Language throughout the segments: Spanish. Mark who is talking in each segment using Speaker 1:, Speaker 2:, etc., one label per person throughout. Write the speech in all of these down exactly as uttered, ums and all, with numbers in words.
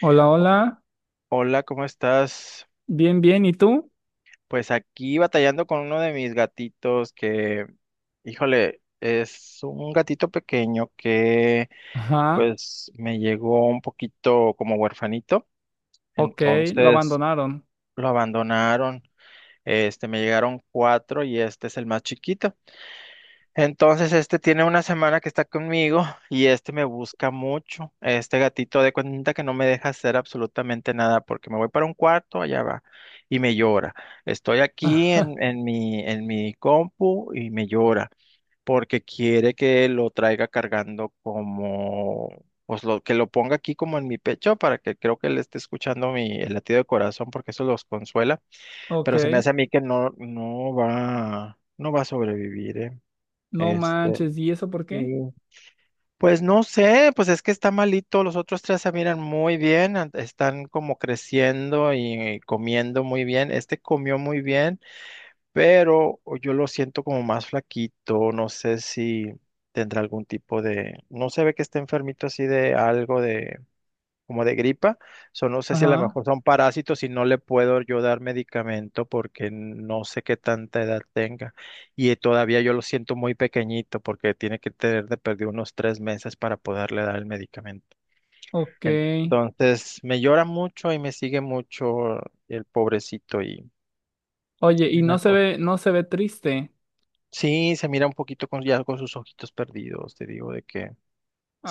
Speaker 1: Hola,
Speaker 2: O-
Speaker 1: hola.
Speaker 2: Hola, ¿cómo estás?
Speaker 1: Bien, bien. ¿Y tú?
Speaker 2: Pues aquí batallando con uno de mis gatitos que, híjole, es un gatito pequeño que
Speaker 1: Ajá.
Speaker 2: pues me llegó un poquito como huerfanito,
Speaker 1: Ok, lo
Speaker 2: entonces
Speaker 1: abandonaron.
Speaker 2: lo abandonaron. Este, me llegaron cuatro y este es el más chiquito. Entonces, este tiene una semana que está conmigo y este me busca mucho. Este gatito de cuenta que no me deja hacer absolutamente nada porque me voy para un cuarto, allá va y me llora. Estoy aquí en, en mi, en mi compu y me llora porque quiere que lo traiga cargando como, pues lo, que lo ponga aquí como en mi pecho para que creo que le esté escuchando mi, el latido de corazón porque eso los consuela.
Speaker 1: Ok.
Speaker 2: Pero se me hace a mí que no, no va, no va a sobrevivir, ¿eh?
Speaker 1: No
Speaker 2: Este,
Speaker 1: manches. ¿Y eso por qué?
Speaker 2: Sí. Pues no sé, pues es que está malito, los otros tres se miran muy bien, an- están como creciendo y comiendo muy bien, este comió muy bien, pero yo lo siento como más flaquito, no sé si tendrá algún tipo de, no se ve que esté enfermito así de algo de como de gripa. So, no sé si a lo
Speaker 1: Ajá.
Speaker 2: mejor son parásitos y no le puedo yo dar medicamento porque no sé qué tanta edad tenga. Y eh, todavía yo lo siento muy pequeñito porque tiene que tener de perder unos tres meses para poderle dar el medicamento.
Speaker 1: Ok.
Speaker 2: Entonces, me llora mucho y me sigue mucho el pobrecito y
Speaker 1: Oye, y
Speaker 2: me
Speaker 1: no
Speaker 2: da
Speaker 1: se
Speaker 2: cosa.
Speaker 1: ve, no se ve triste.
Speaker 2: Sí, se mira un poquito con, ya con sus ojitos perdidos, te digo, de que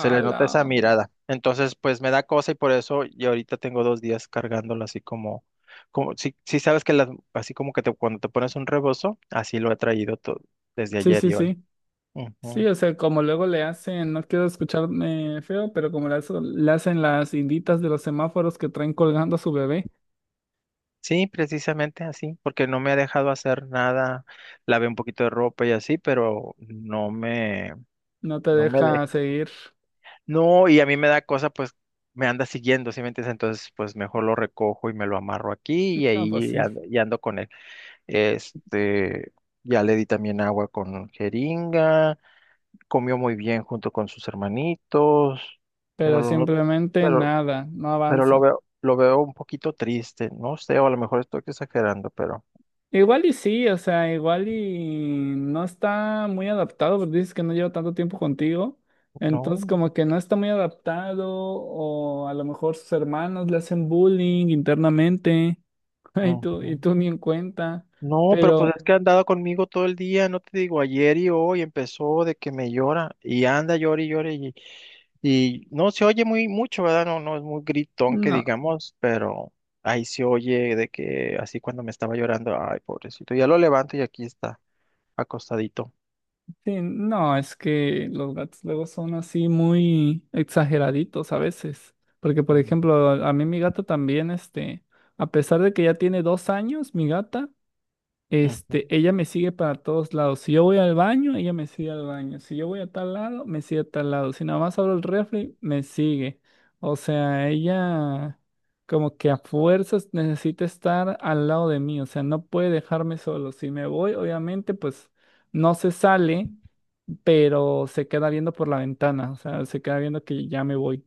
Speaker 1: A
Speaker 2: le
Speaker 1: la.
Speaker 2: nota esa mirada. Entonces, pues me da cosa y por eso y ahorita tengo dos días cargándolo así como, como si, si sabes que las, así como que te, cuando te pones un rebozo, así lo he traído to- desde
Speaker 1: Sí,
Speaker 2: ayer
Speaker 1: sí,
Speaker 2: y hoy.
Speaker 1: sí. Sí,
Speaker 2: Ujú.
Speaker 1: o sea, como luego le hacen, no quiero escucharme feo, pero como le, hace- le hacen las inditas de los semáforos que traen colgando a su bebé,
Speaker 2: Sí, precisamente así, porque no me ha dejado hacer nada. Lavé un poquito de ropa y así, pero no me,
Speaker 1: no te
Speaker 2: no me
Speaker 1: deja
Speaker 2: deja.
Speaker 1: seguir.
Speaker 2: No, y a mí me da cosa, pues me anda siguiendo, ¿sí me entiendes? Entonces, pues mejor lo recojo y me lo amarro aquí y
Speaker 1: No, pues
Speaker 2: ahí
Speaker 1: sí.
Speaker 2: ando, y ando con Este, ya le di también agua con jeringa, comió muy bien junto con sus hermanitos, pero
Speaker 1: Pero
Speaker 2: lo, no-
Speaker 1: simplemente
Speaker 2: pero,
Speaker 1: nada, no
Speaker 2: pero lo
Speaker 1: avanza.
Speaker 2: veo, lo veo un poquito triste, no sé, o a lo mejor estoy exagerando, pero
Speaker 1: Igual y sí, o sea, igual y no está muy adaptado, porque dices que no lleva tanto tiempo contigo. Entonces,
Speaker 2: no.
Speaker 1: como que no está muy adaptado, o a lo mejor sus hermanos le hacen bullying internamente, y tú, y
Speaker 2: Ujú.
Speaker 1: tú ni en cuenta.
Speaker 2: No, pero pues
Speaker 1: Pero
Speaker 2: es que ha andado conmigo todo el día, no te digo, ayer y hoy empezó de que me llora y anda, llora y llora y, y no se oye muy mucho, ¿verdad? No, no es muy gritón que
Speaker 1: no,
Speaker 2: digamos, pero ahí se oye de que así cuando me estaba llorando, ay, pobrecito, ya lo levanto y aquí está, acostadito.
Speaker 1: sí, no, es que los gatos luego son así muy exageraditos a veces. Porque, por
Speaker 2: Mm.
Speaker 1: ejemplo, a mí mi gata también, este, a pesar de que ya tiene dos años, mi gata.
Speaker 2: Ujú,
Speaker 1: Este, ella me sigue para todos lados. Si yo voy al baño, ella me sigue al baño. Si yo voy a tal lado, me sigue a tal lado. Si nada más abro el refri, me sigue. O sea, ella como que a fuerzas necesita estar al lado de mí. O sea, no puede dejarme solo. Si me voy, obviamente, pues no se sale, pero se queda viendo por la ventana. O sea, se queda viendo que ya me voy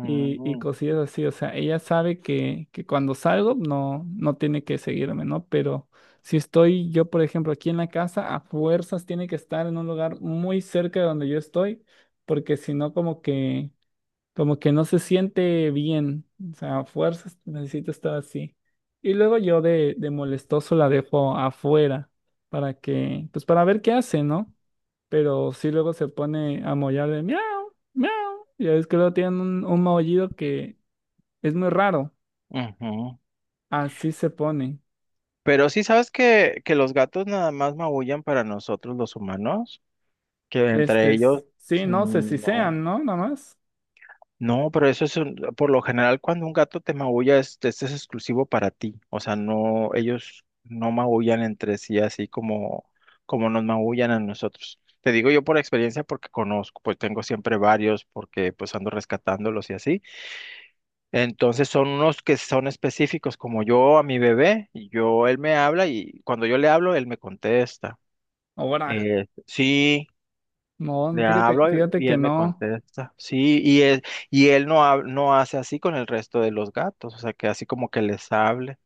Speaker 1: y, y cosillas así. O sea, ella sabe que, que cuando salgo no, no tiene que seguirme, ¿no? Pero si estoy yo, por ejemplo, aquí en la casa, a fuerzas tiene que estar en un lugar muy cerca de donde yo estoy, porque si no, como que, como que no se siente bien. O sea, a fuerzas necesito estar así. Y luego yo de, de molestoso la dejo afuera para que, pues para ver qué hace, ¿no? Pero sí luego se pone a mollar de miau, miau. Ya ves que luego tienen un, un maullido que es muy raro.
Speaker 2: ujú.
Speaker 1: Así se pone.
Speaker 2: Pero sí sabes que, que los gatos nada más maullan para nosotros los humanos, que
Speaker 1: Este,
Speaker 2: entre ellos,
Speaker 1: s- sí, no sé si
Speaker 2: mm, no.
Speaker 1: sean, ¿no? Nada más.
Speaker 2: No, pero eso es un- por lo general cuando un gato te maulla, es- este es exclusivo para ti. O sea, no, ellos no maullan entre sí así como, como nos maullan a nosotros. Te digo yo por experiencia porque conozco, pues tengo siempre varios porque pues ando rescatándolos y así. Entonces son unos que son específicos, como yo a mi bebé, y yo, él me habla y cuando yo le hablo, él me contesta.
Speaker 1: Ahora,
Speaker 2: Eh, sí,
Speaker 1: no,
Speaker 2: le
Speaker 1: fíjate,
Speaker 2: hablo y
Speaker 1: fíjate
Speaker 2: y
Speaker 1: que
Speaker 2: él me
Speaker 1: no.
Speaker 2: contesta. Sí, y él, y él no, hab- no hace así con el resto de los gatos, o sea, que así como que les hable,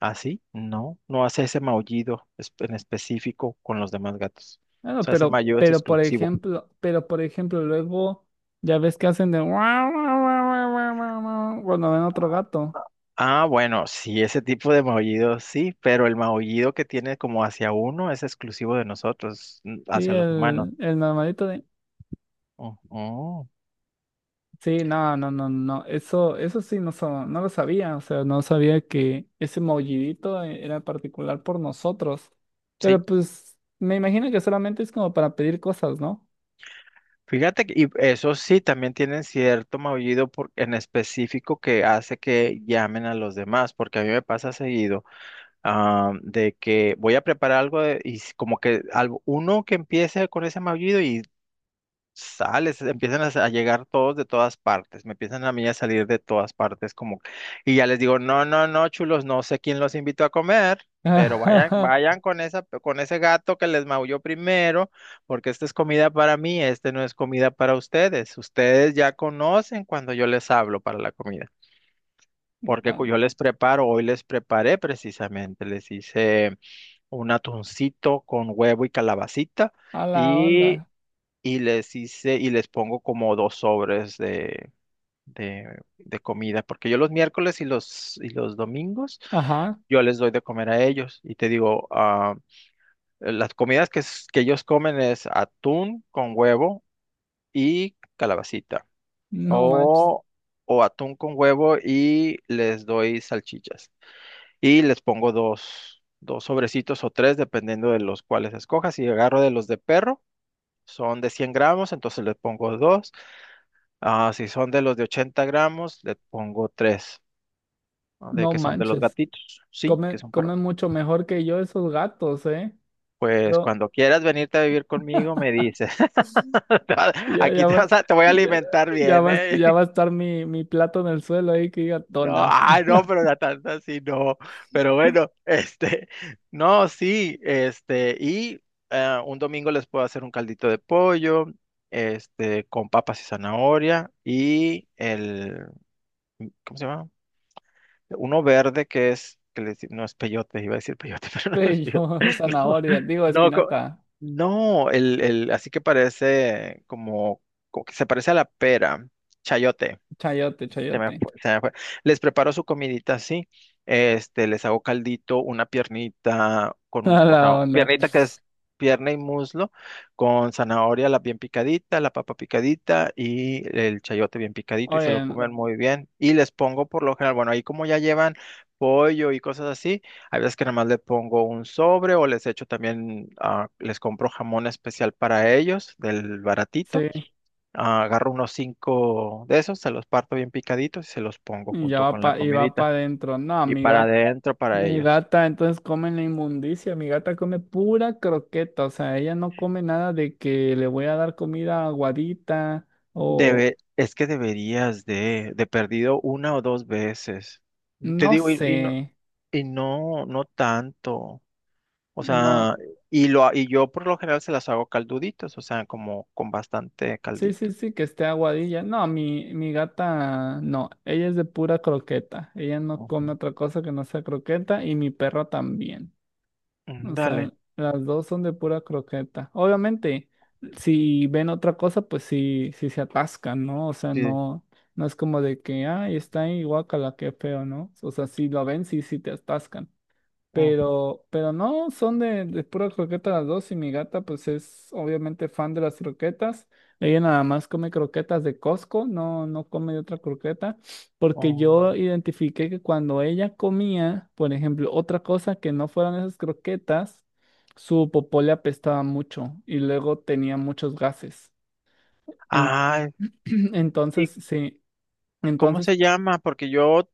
Speaker 2: así, no, no hace ese maullido es- en específico con los demás gatos. O
Speaker 1: Bueno,
Speaker 2: sea, ese
Speaker 1: pero,
Speaker 2: maullido es
Speaker 1: pero por
Speaker 2: exclusivo.
Speaker 1: ejemplo, pero por ejemplo, luego ya ves que hacen de guau, guau, guau, guau, guau, guau, guau, cuando ven otro gato.
Speaker 2: Ah, bueno, sí, ese tipo de maullido sí, pero el maullido que tiene como hacia uno es exclusivo de nosotros, n-
Speaker 1: Sí,
Speaker 2: hacia los humanos.
Speaker 1: el, el normalito de.
Speaker 2: Ujú,
Speaker 1: Sí, no, no, no, no. Eso, eso sí no, sa- no lo sabía. O sea, no sabía que ese maullidito e- era particular por nosotros.
Speaker 2: sí.
Speaker 1: Pero pues me imagino que solamente es como para pedir cosas, ¿no?
Speaker 2: Fíjate que y eso sí, también tienen cierto maullido por- en específico que hace que llamen a los demás, porque a mí me pasa seguido ah, de que voy a preparar algo de- y s- como que algo, uno que empiece con ese maullido y sales, empiezan a, a llegar todos de todas partes, me empiezan a mí a salir de todas partes, como, y ya les digo, no, no, no, chulos, no sé quién los invitó a comer, pero vayan, vayan con esa, con ese gato que les maulló primero, porque esta es comida para mí, este no es comida para ustedes, ustedes ya conocen cuando yo les hablo para la comida. Porque
Speaker 1: A
Speaker 2: cu- yo les preparo, hoy les preparé precisamente, les hice un atuncito con huevo y calabacita,
Speaker 1: a la onda.
Speaker 2: y y les hice y les pongo como dos sobres de, de, de comida, porque yo los miércoles y los, y los domingos
Speaker 1: Ajá.
Speaker 2: yo les doy de comer a ellos y te digo, ah, las comidas que, es- que ellos comen es atún con huevo y calabacita
Speaker 1: No manches.
Speaker 2: o, o atún con huevo y les doy salchichas y les pongo dos, dos sobrecitos o tres dependiendo de los cuales escojas y agarro de los de perro. Son de cien gramos, entonces les pongo dos. Ah, si son de los de ochenta gramos, le pongo tres, de
Speaker 1: No
Speaker 2: que son de los
Speaker 1: manches.
Speaker 2: gatitos, sí, que
Speaker 1: Come,
Speaker 2: son para...
Speaker 1: come mucho mejor que yo esos gatos, ¿eh?
Speaker 2: Pues
Speaker 1: Yo,
Speaker 2: cuando quieras venirte a vivir conmigo, me dices. Te va-
Speaker 1: ya,
Speaker 2: Aquí
Speaker 1: ya
Speaker 2: te
Speaker 1: va,
Speaker 2: vas a- te voy a
Speaker 1: ya,
Speaker 2: alimentar
Speaker 1: ya
Speaker 2: bien,
Speaker 1: va,
Speaker 2: ¿eh?
Speaker 1: ya va a estar mi, mi plato en el suelo ahí que diga
Speaker 2: No,
Speaker 1: tona.
Speaker 2: ah, no, pero la tanta sí, no. Pero bueno, este, no, sí, este, y eh, un domingo les puedo hacer un caldito de pollo, este, con papas y zanahoria, y el, ¿cómo se llama? Uno verde que es, que le dic- no es peyote, iba a decir peyote, pero no es
Speaker 1: Pe-
Speaker 2: peyote.
Speaker 1: yo,
Speaker 2: No,
Speaker 1: zanahoria, digo
Speaker 2: no, co-
Speaker 1: espinaca,
Speaker 2: no, el, el, así que parece como, como que se parece a la pera, chayote.
Speaker 1: chayote,
Speaker 2: Se me
Speaker 1: chayote.
Speaker 2: fue, se me fue. Les preparo su comidita así, este, les hago caldito, una piernita con un,
Speaker 1: A
Speaker 2: o sea,
Speaker 1: la onda.
Speaker 2: piernita que es pierna y muslo, con zanahoria la bien picadita, la papa picadita y el chayote bien picadito y se lo
Speaker 1: Oye,
Speaker 2: comen muy bien. Y les pongo por lo general, bueno, ahí como ya llevan pollo y cosas así, hay veces que nada más le pongo un sobre o les echo también, ah, les compro jamón especial para ellos, del baratito.
Speaker 1: sí,
Speaker 2: Ah, agarro unos cinco de esos, se los parto bien picaditos y se los pongo
Speaker 1: y ya
Speaker 2: junto
Speaker 1: va
Speaker 2: con la
Speaker 1: pa, y va
Speaker 2: comidita.
Speaker 1: para adentro. No,
Speaker 2: Y
Speaker 1: mi
Speaker 2: para
Speaker 1: gata,
Speaker 2: adentro para
Speaker 1: mi
Speaker 2: ellos.
Speaker 1: gata entonces come la inmundicia. Mi gata come pura croqueta. O sea, ella no come nada de que le voy a dar comida aguadita o
Speaker 2: Debe, es que deberías de, de perdido una o dos veces. Te
Speaker 1: no
Speaker 2: digo, y, y no,
Speaker 1: sé.
Speaker 2: y no, no tanto. O
Speaker 1: No,
Speaker 2: sea, y lo, y yo por lo general se las hago calduditos, o sea, como con bastante
Speaker 1: sí, sí,
Speaker 2: caldito.
Speaker 1: sí, que esté aguadilla. No, mi, mi gata, no, ella es de pura croqueta. Ella no come
Speaker 2: Ujú.
Speaker 1: otra cosa que no sea croqueta y mi perro también.
Speaker 2: Mm,
Speaker 1: O sea,
Speaker 2: dale.
Speaker 1: las dos son de pura croqueta. Obviamente, si ven otra cosa, pues sí, sí se atascan, ¿no? O sea,
Speaker 2: Sí.
Speaker 1: no, no es como de que, ay, está ahí, guácala, qué feo, ¿no? O sea, si lo ven, sí, sí te atascan.
Speaker 2: Ujú,
Speaker 1: Pero, pero no, son de, de pura croqueta las dos y mi gata pues es obviamente fan de las croquetas. Ella nada más come croquetas de Costco, no, no come de otra croqueta, porque
Speaker 2: ujú.
Speaker 1: yo identifiqué que cuando ella comía, por ejemplo, otra cosa que no fueran esas croquetas, su popó le apestaba mucho y luego tenía muchos gases. En-
Speaker 2: Ay, ¿y
Speaker 1: entonces, sí,
Speaker 2: cómo
Speaker 1: entonces.
Speaker 2: se llama? Porque yo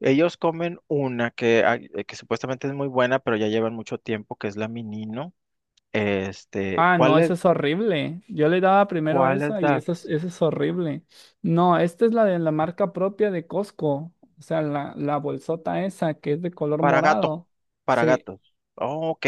Speaker 2: Ellos comen una que, hay- eh, que supuestamente es muy buena, pero ya llevan mucho tiempo, que es la Minino. Este,
Speaker 1: Ah, no, eso
Speaker 2: ¿cuáles,
Speaker 1: es horrible. Yo le daba primero
Speaker 2: cuáles
Speaker 1: esa y esa es,
Speaker 2: das?
Speaker 1: esa es horrible. No, esta es la de la marca propia de Costco. O sea, la, la bolsota esa que es de color
Speaker 2: Para gato,
Speaker 1: morado.
Speaker 2: para
Speaker 1: Sí,
Speaker 2: gatos. Oh, ok,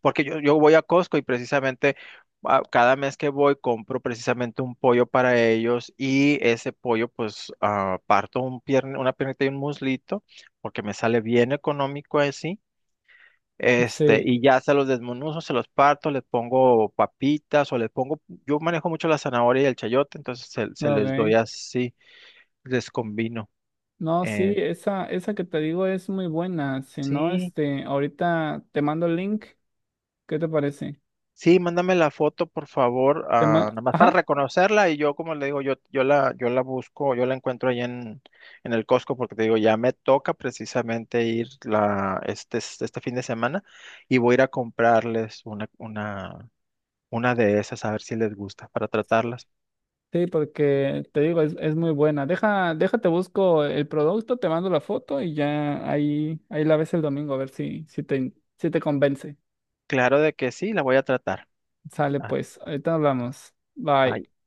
Speaker 2: porque yo, yo voy a Costco y precisamente ah, cada mes que voy compro precisamente un pollo para ellos y ese pollo pues ah, parto un pierne, una piernita y un muslito porque me sale bien económico así. Este,
Speaker 1: sí,
Speaker 2: y ya se los desmenuzo, se los parto, les pongo papitas o les pongo, yo manejo mucho la zanahoria y el chayote, entonces se, se les
Speaker 1: ok.
Speaker 2: doy así, les combino.
Speaker 1: No, sí,
Speaker 2: Eh,
Speaker 1: esa, esa que te digo es muy buena. Si no,
Speaker 2: sí,
Speaker 1: este, ahorita te mando el link. ¿Qué te parece?
Speaker 2: sí, mándame la foto, por favor,
Speaker 1: Te
Speaker 2: ah,
Speaker 1: ma-
Speaker 2: nada más para
Speaker 1: Ajá.
Speaker 2: reconocerla y yo, como le digo, yo, yo la, yo la busco, yo la encuentro ahí en, en el Costco porque te digo, ya me toca precisamente ir la, este, este fin de semana y voy a ir a comprarles una, una, una de esas a ver si les gusta para tratarlas.
Speaker 1: Sí, porque te digo, es, es muy buena. Deja, déjate, busco el producto, te mando la foto y ya ahí, ahí la ves el domingo a ver si, si te, si te convence.
Speaker 2: Claro de que sí, la voy a tratar.
Speaker 1: Sale
Speaker 2: Ah,
Speaker 1: pues, ahorita hablamos. Bye.
Speaker 2: bye.